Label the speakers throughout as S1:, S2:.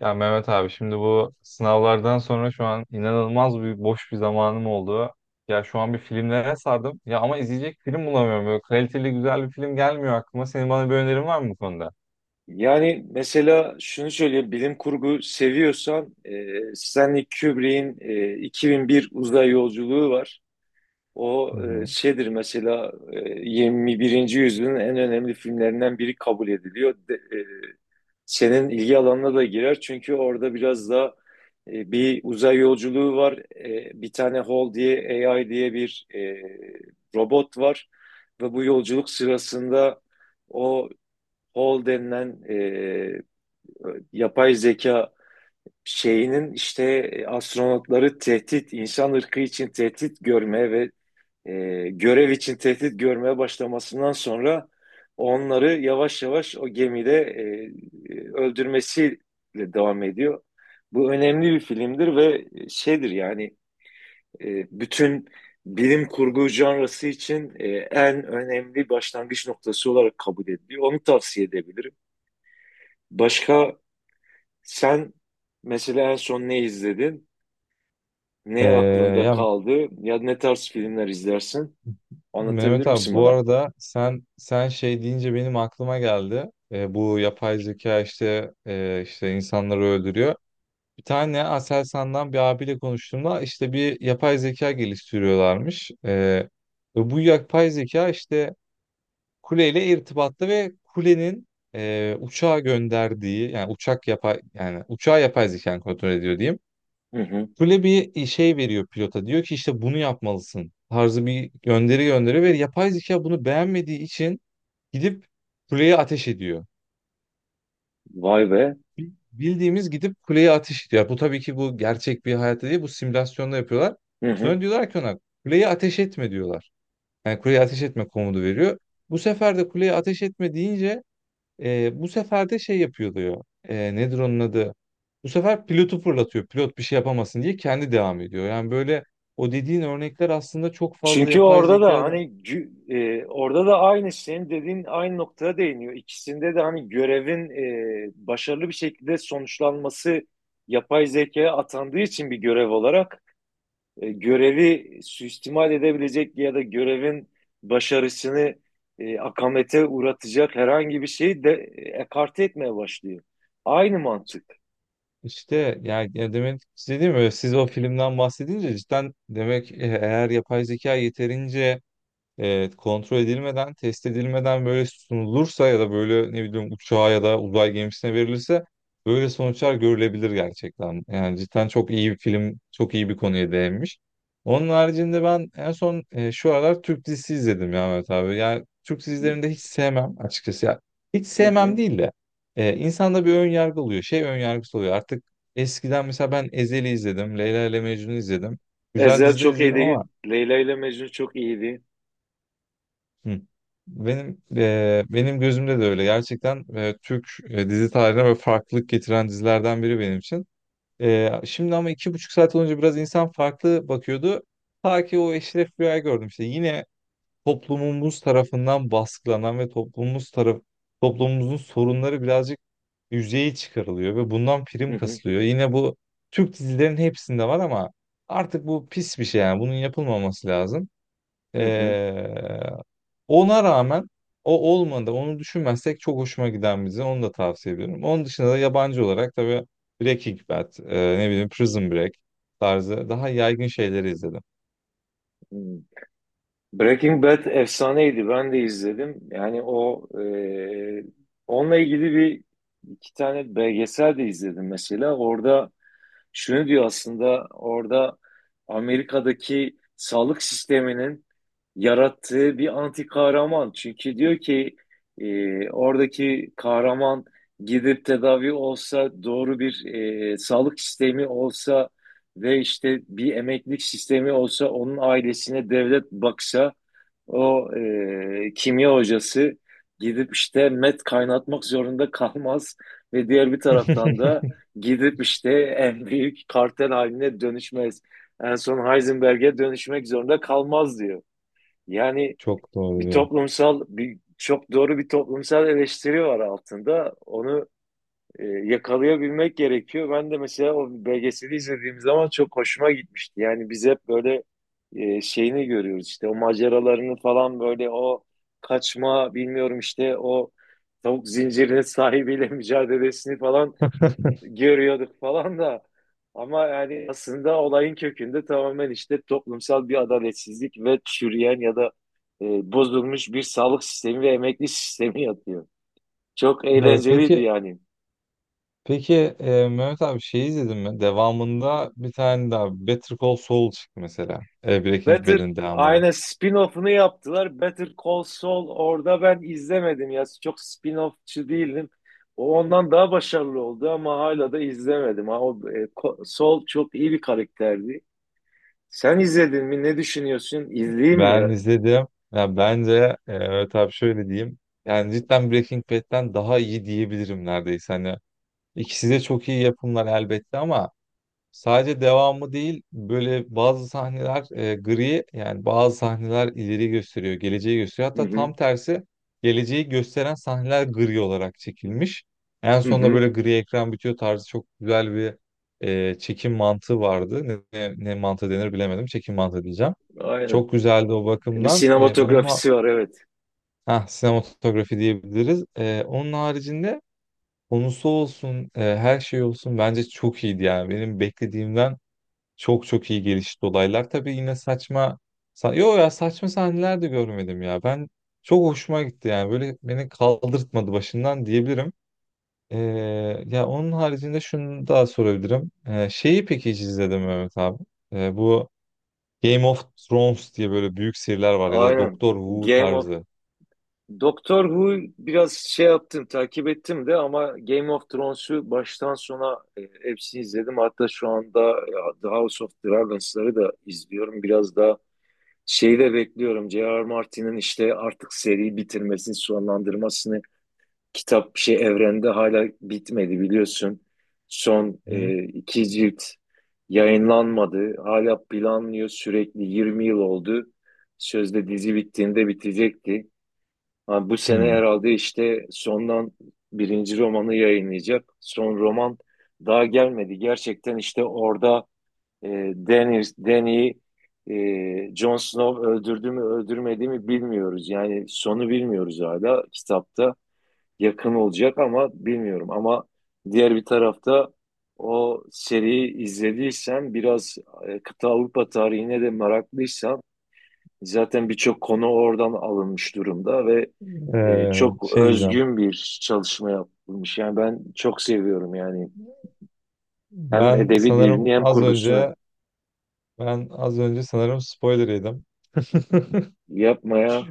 S1: Ya Mehmet abi şimdi bu sınavlardan sonra şu an inanılmaz bir boş bir zamanım oldu. Ya şu an bir filmlere sardım. Ya ama izleyecek film bulamıyorum. Böyle kaliteli güzel bir film gelmiyor aklıma. Senin bana bir önerin var mı bu konuda?
S2: Yani mesela şunu söyleyeyim, bilim kurgu seviyorsan Stanley Kubrick'in 2001 Uzay Yolculuğu var.
S1: Hı
S2: O
S1: hı.
S2: şeydir mesela, e, 21. yüzyılın en önemli filmlerinden biri kabul ediliyor. Senin ilgi alanına da girer çünkü orada biraz da bir uzay yolculuğu var. Bir tane Hall diye AI diye bir robot var ve bu yolculuk sırasında o Hall denilen yapay zeka şeyinin işte astronotları tehdit, insan ırkı için tehdit görmeye ve görev için tehdit görmeye başlamasından sonra onları yavaş yavaş o gemide öldürmesiyle devam ediyor. Bu önemli bir filmdir ve şeydir yani, bütün bilim kurgu janrası için en önemli başlangıç noktası olarak kabul ediliyor. Onu tavsiye edebilirim. Başka, sen mesela en son ne izledin? Ne
S1: Ee,
S2: aklında
S1: ya
S2: kaldı? Ya ne tarz filmler izlersin? Anlatabilir
S1: Mehmet abi
S2: misin
S1: bu
S2: bana?
S1: arada sen şey deyince benim aklıma geldi. Bu yapay zeka işte insanları öldürüyor. Bir tane Aselsan'dan bir abiyle konuştuğumda işte bir yapay zeka geliştiriyorlarmış. Ve bu yapay zeka işte kuleyle irtibatta ve kulenin uçağa gönderdiği yani uçak yapay yani uçağı yapay zeka kontrol ediyor diyeyim.
S2: Hı hı.
S1: Kule bir şey veriyor pilota, diyor ki işte bunu yapmalısın tarzı bir gönderi gönderiyor ve yapay zeka bunu beğenmediği için gidip kuleye ateş ediyor.
S2: Vay be.
S1: Bildiğimiz gidip kuleye ateş ediyor. Bu tabii ki bu gerçek bir hayatta değil, bu simülasyonda yapıyorlar.
S2: Hı hı.
S1: Sonra diyorlar ki ona kuleye ateş etme diyorlar. Yani kuleye ateş etme komutu veriyor. Bu sefer de kuleye ateş etme deyince bu sefer de şey yapıyor diyor. Nedir onun adı? Bu sefer pilotu fırlatıyor. Pilot bir şey yapamasın diye kendi devam ediyor. Yani böyle o dediğin örnekler aslında çok fazla
S2: Çünkü
S1: yapay
S2: orada da
S1: zekada.
S2: orada da aynı senin dediğin aynı noktaya değiniyor. İkisinde de hani görevin başarılı bir şekilde sonuçlanması yapay zekaya atandığı için bir görev olarak görevi suistimal edebilecek ya da görevin başarısını akamete uğratacak herhangi bir şeyi de ekarte etmeye başlıyor. Aynı mantık.
S1: İşte yani demek istediğim öyle, siz o filmden bahsedince cidden demek eğer yapay zeka yeterince, evet, kontrol edilmeden, test edilmeden böyle sunulursa ya da böyle ne bileyim uçağa ya da uzay gemisine verilirse böyle sonuçlar görülebilir gerçekten. Yani cidden çok iyi bir film, çok iyi bir konuya değinmiş. Onun haricinde ben en son şu aralar Türk dizisi izledim ya Mehmet abi. Yani Türk dizilerini de hiç sevmem açıkçası. Ya, hiç
S2: Hı
S1: sevmem
S2: hı.
S1: değil de insanda bir ön yargı oluyor. Şey ön yargısı oluyor. Artık eskiden mesela ben Ezel'i izledim, Leyla ile Mecnun'u izledim. Güzel
S2: Ezel
S1: diziler
S2: çok
S1: izledim
S2: iyiydi.
S1: ama.
S2: Leyla ile Mecnun çok iyiydi.
S1: Hı. Benim gözümde de öyle. Gerçekten Türk dizi tarihine böyle farklılık getiren dizilerden biri benim için. Şimdi ama 2,5 saat olunca biraz insan farklı bakıyordu. Ta ki o Eşref Rüya'yı gördüm işte. Yine toplumumuz tarafından baskılanan ve toplumumuzun sorunları birazcık yüzeye çıkarılıyor ve bundan
S2: Hı
S1: prim
S2: hı.
S1: kasılıyor. Yine bu Türk dizilerin hepsinde var ama artık bu pis bir şey yani. Bunun yapılmaması lazım. E,
S2: Hı hı.
S1: Ona rağmen o olmadı. Onu düşünmezsek çok hoşuma giden bir dizi. Onu da tavsiye ediyorum. Onun dışında da yabancı olarak tabii Breaking Bad, ne bileyim, Prison Break tarzı daha yaygın şeyleri izledim.
S2: Hı. Breaking Bad efsaneydi. Ben de izledim. Yani o, onunla ilgili bir iki tane belgesel de izledim mesela. Orada şunu diyor aslında, orada Amerika'daki sağlık sisteminin yarattığı bir anti kahraman. Çünkü diyor ki oradaki kahraman gidip tedavi olsa, doğru bir sağlık sistemi olsa ve işte bir emeklilik sistemi olsa, onun ailesine devlet baksa, o kimya hocası gidip işte met kaynatmak zorunda kalmaz ve diğer bir taraftan da gidip işte en büyük kartel haline dönüşmez. En son Heisenberg'e dönüşmek zorunda kalmaz diyor. Yani
S1: Çok doğru
S2: bir
S1: diyor.
S2: toplumsal, bir çok doğru bir toplumsal eleştiri var altında. Onu yakalayabilmek gerekiyor. Ben de mesela o belgeseli izlediğim zaman çok hoşuma gitmişti. Yani biz hep böyle şeyini görüyoruz işte, o maceralarını falan, böyle o kaçma bilmiyorum işte, o tavuk zincirinin sahibiyle mücadelesini falan görüyorduk falan da, ama yani aslında olayın kökünde tamamen işte toplumsal bir adaletsizlik ve çürüyen ya da bozulmuş bir sağlık sistemi ve emekli sistemi yatıyor. Çok
S1: E,
S2: eğlenceliydi
S1: peki
S2: yani.
S1: peki, Mehmet abi, şey izledin mi? Devamında bir tane daha Better Call Saul çıktı mesela. Breaking
S2: Better
S1: Bad'in devamı.
S2: aynen, spin-off'unu yaptılar. Better Call Saul, orada ben izlemedim ya. Çok spin offçı değilim. O ondan daha başarılı oldu ama hala da izlemedim. Ha, o, Saul çok iyi bir karakterdi. Sen izledin mi? Ne düşünüyorsun? İzleyeyim mi
S1: Ben
S2: ya?
S1: izledim. Ya bence Mehmet abi, şöyle diyeyim. Yani cidden Breaking Bad'den daha iyi diyebilirim neredeyse. Hani, İkisi de çok iyi yapımlar elbette ama sadece devamı değil, böyle bazı sahneler gri, yani bazı sahneler ileri gösteriyor, geleceği gösteriyor.
S2: Hı
S1: Hatta
S2: hı.
S1: tam tersi, geleceği gösteren sahneler gri olarak çekilmiş. En
S2: Hı
S1: sonunda
S2: hı,
S1: böyle gri ekran bitiyor tarzı çok güzel bir çekim mantığı vardı. Ne mantığı denir bilemedim. Çekim mantığı diyeceğim.
S2: aynen.
S1: Çok güzeldi o
S2: Bir
S1: bakımdan. Onun
S2: sinematografisi var evet.
S1: ha, sinematografi diyebiliriz. Onun haricinde konusu olsun, her şey olsun bence çok iyiydi yani. Benim beklediğimden çok çok iyi gelişti olaylar. Tabii yine saçma sahneler de görmedim ya. Ben çok hoşuma gitti yani. Böyle beni kaldırtmadı başından diyebilirim. E, ya onun haricinde şunu daha sorabilirim. Şeyi peki hiç izledin mi Mehmet abi? Bu Game of Thrones diye böyle büyük seriler var ya da
S2: Aynen.
S1: Doktor Who
S2: Game of
S1: tarzı.
S2: Doctor Who biraz şey yaptım, takip ettim de, ama Game of Thrones'u baştan sona hepsini izledim. Hatta şu anda The House of Dragons'ları da izliyorum. Biraz daha şeyi de bekliyorum. J.R. Martin'in işte artık seriyi bitirmesini, sonlandırmasını. Kitap şey, evrende hala bitmedi biliyorsun. Son
S1: Hı?
S2: iki cilt yayınlanmadı. Hala planlıyor sürekli, 20 yıl oldu. Sözde dizi bittiğinde bitecekti. Ha, bu sene
S1: Hı.
S2: herhalde işte sondan birinci romanı yayınlayacak. Son roman daha gelmedi. Gerçekten işte orada e, Daenerys, Dany, Jon Snow öldürdü mü öldürmedi mi bilmiyoruz. Yani sonu bilmiyoruz, hala kitapta yakın olacak ama bilmiyorum. Ama diğer bir tarafta, o seriyi izlediysen, biraz kıta Avrupa tarihine de meraklıysan, zaten birçok konu oradan alınmış durumda ve çok
S1: Şey diyeceğim.
S2: özgün bir çalışma yapılmış. Yani ben çok seviyorum yani, hem
S1: Ben
S2: edebi
S1: sanırım
S2: dilini hem
S1: az
S2: kurgusunu
S1: önce Ben az önce sanırım spoiler yedim.
S2: yapmaya.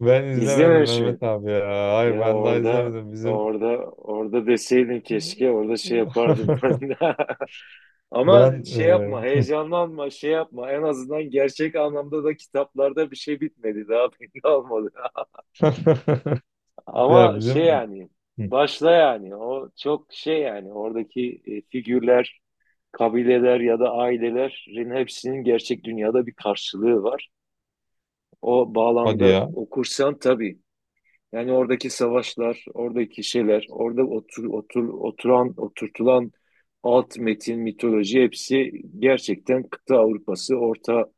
S1: Ben izlemedim
S2: İzlememiş miyim?
S1: Mehmet abi ya. Hayır,
S2: Ya
S1: ben daha
S2: orada,
S1: izlemedim. Bizim
S2: orada orada deseydin keşke, orada şey yapardım ben. Ama
S1: ben
S2: şey yapma, heyecanlanma, şey yapma. En azından gerçek anlamda da kitaplarda bir şey bitmedi. Daha belli olmadı.
S1: ya
S2: Ama şey
S1: bizim.
S2: yani,
S1: Hı,
S2: başla yani. O çok şey yani, oradaki figürler, kabileler ya da ailelerin hepsinin gerçek dünyada bir karşılığı var. O
S1: hadi
S2: bağlamda
S1: ya.
S2: okursan tabii. Yani oradaki savaşlar, oradaki şeyler, orada oturtulan alt metin, mitoloji, hepsi gerçekten kıta Avrupası, orta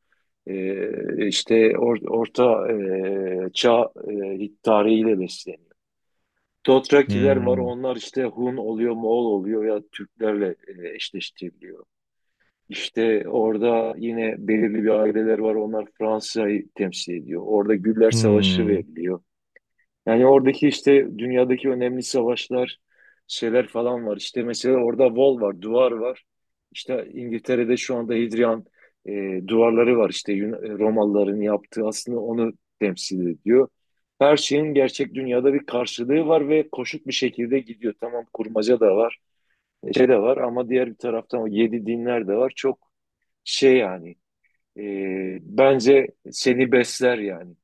S2: e, işte or- orta e, çağ tarihiyle besleniyor. Dothrakiler var,
S1: Hmm.
S2: onlar işte Hun oluyor, Moğol oluyor ya, Türklerle eşleştiriliyor. İşte orada yine belirli bir aileler var, onlar Fransa'yı temsil ediyor. Orada Güller Savaşı
S1: Hmm.
S2: veriliyor. Yani oradaki işte dünyadaki önemli savaşlar, şeyler falan var. İşte mesela orada wall var, duvar var. İşte İngiltere'de şu anda Hadrian duvarları var. İşte Romalıların yaptığı aslında onu temsil ediyor. Her şeyin gerçek dünyada bir karşılığı var ve koşut bir şekilde gidiyor. Tamam kurmaca da var, şey de var, ama diğer bir taraftan o yedi dinler de var. Çok şey yani, bence seni besler yani.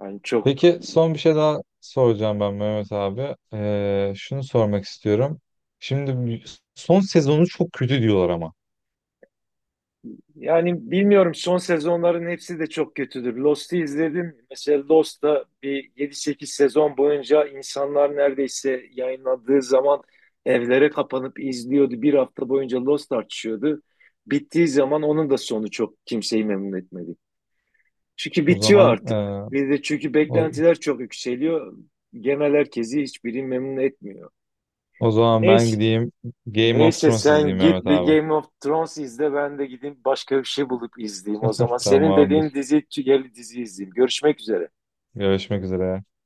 S2: Yani çok.
S1: Peki son bir şey daha soracağım ben Mehmet abi. Şunu sormak istiyorum. Şimdi son sezonu çok kötü diyorlar ama.
S2: Yani bilmiyorum, son sezonların hepsi de çok kötüdür. Lost'u izledim. Mesela Lost'ta bir 7-8 sezon boyunca insanlar neredeyse yayınlandığı zaman evlere kapanıp izliyordu. Bir hafta boyunca Lost tartışıyordu. Bittiği zaman onun da sonu çok kimseyi memnun etmedi. Çünkü
S1: O
S2: bitiyor
S1: zaman e,
S2: artık. Bir de çünkü
S1: o,
S2: beklentiler çok yükseliyor. Genel herkesi hiçbiri memnun etmiyor.
S1: o zaman ben
S2: Neyse.
S1: gideyim Game of
S2: Neyse
S1: Thrones izleyeyim
S2: sen git
S1: Mehmet
S2: bir
S1: abi.
S2: Game of Thrones izle, ben de gideyim başka bir şey bulup izleyeyim o zaman. Senin dediğin
S1: Tamamdır.
S2: dizi, tüyeli dizi izleyeyim. Görüşmek üzere.
S1: Görüşmek üzere.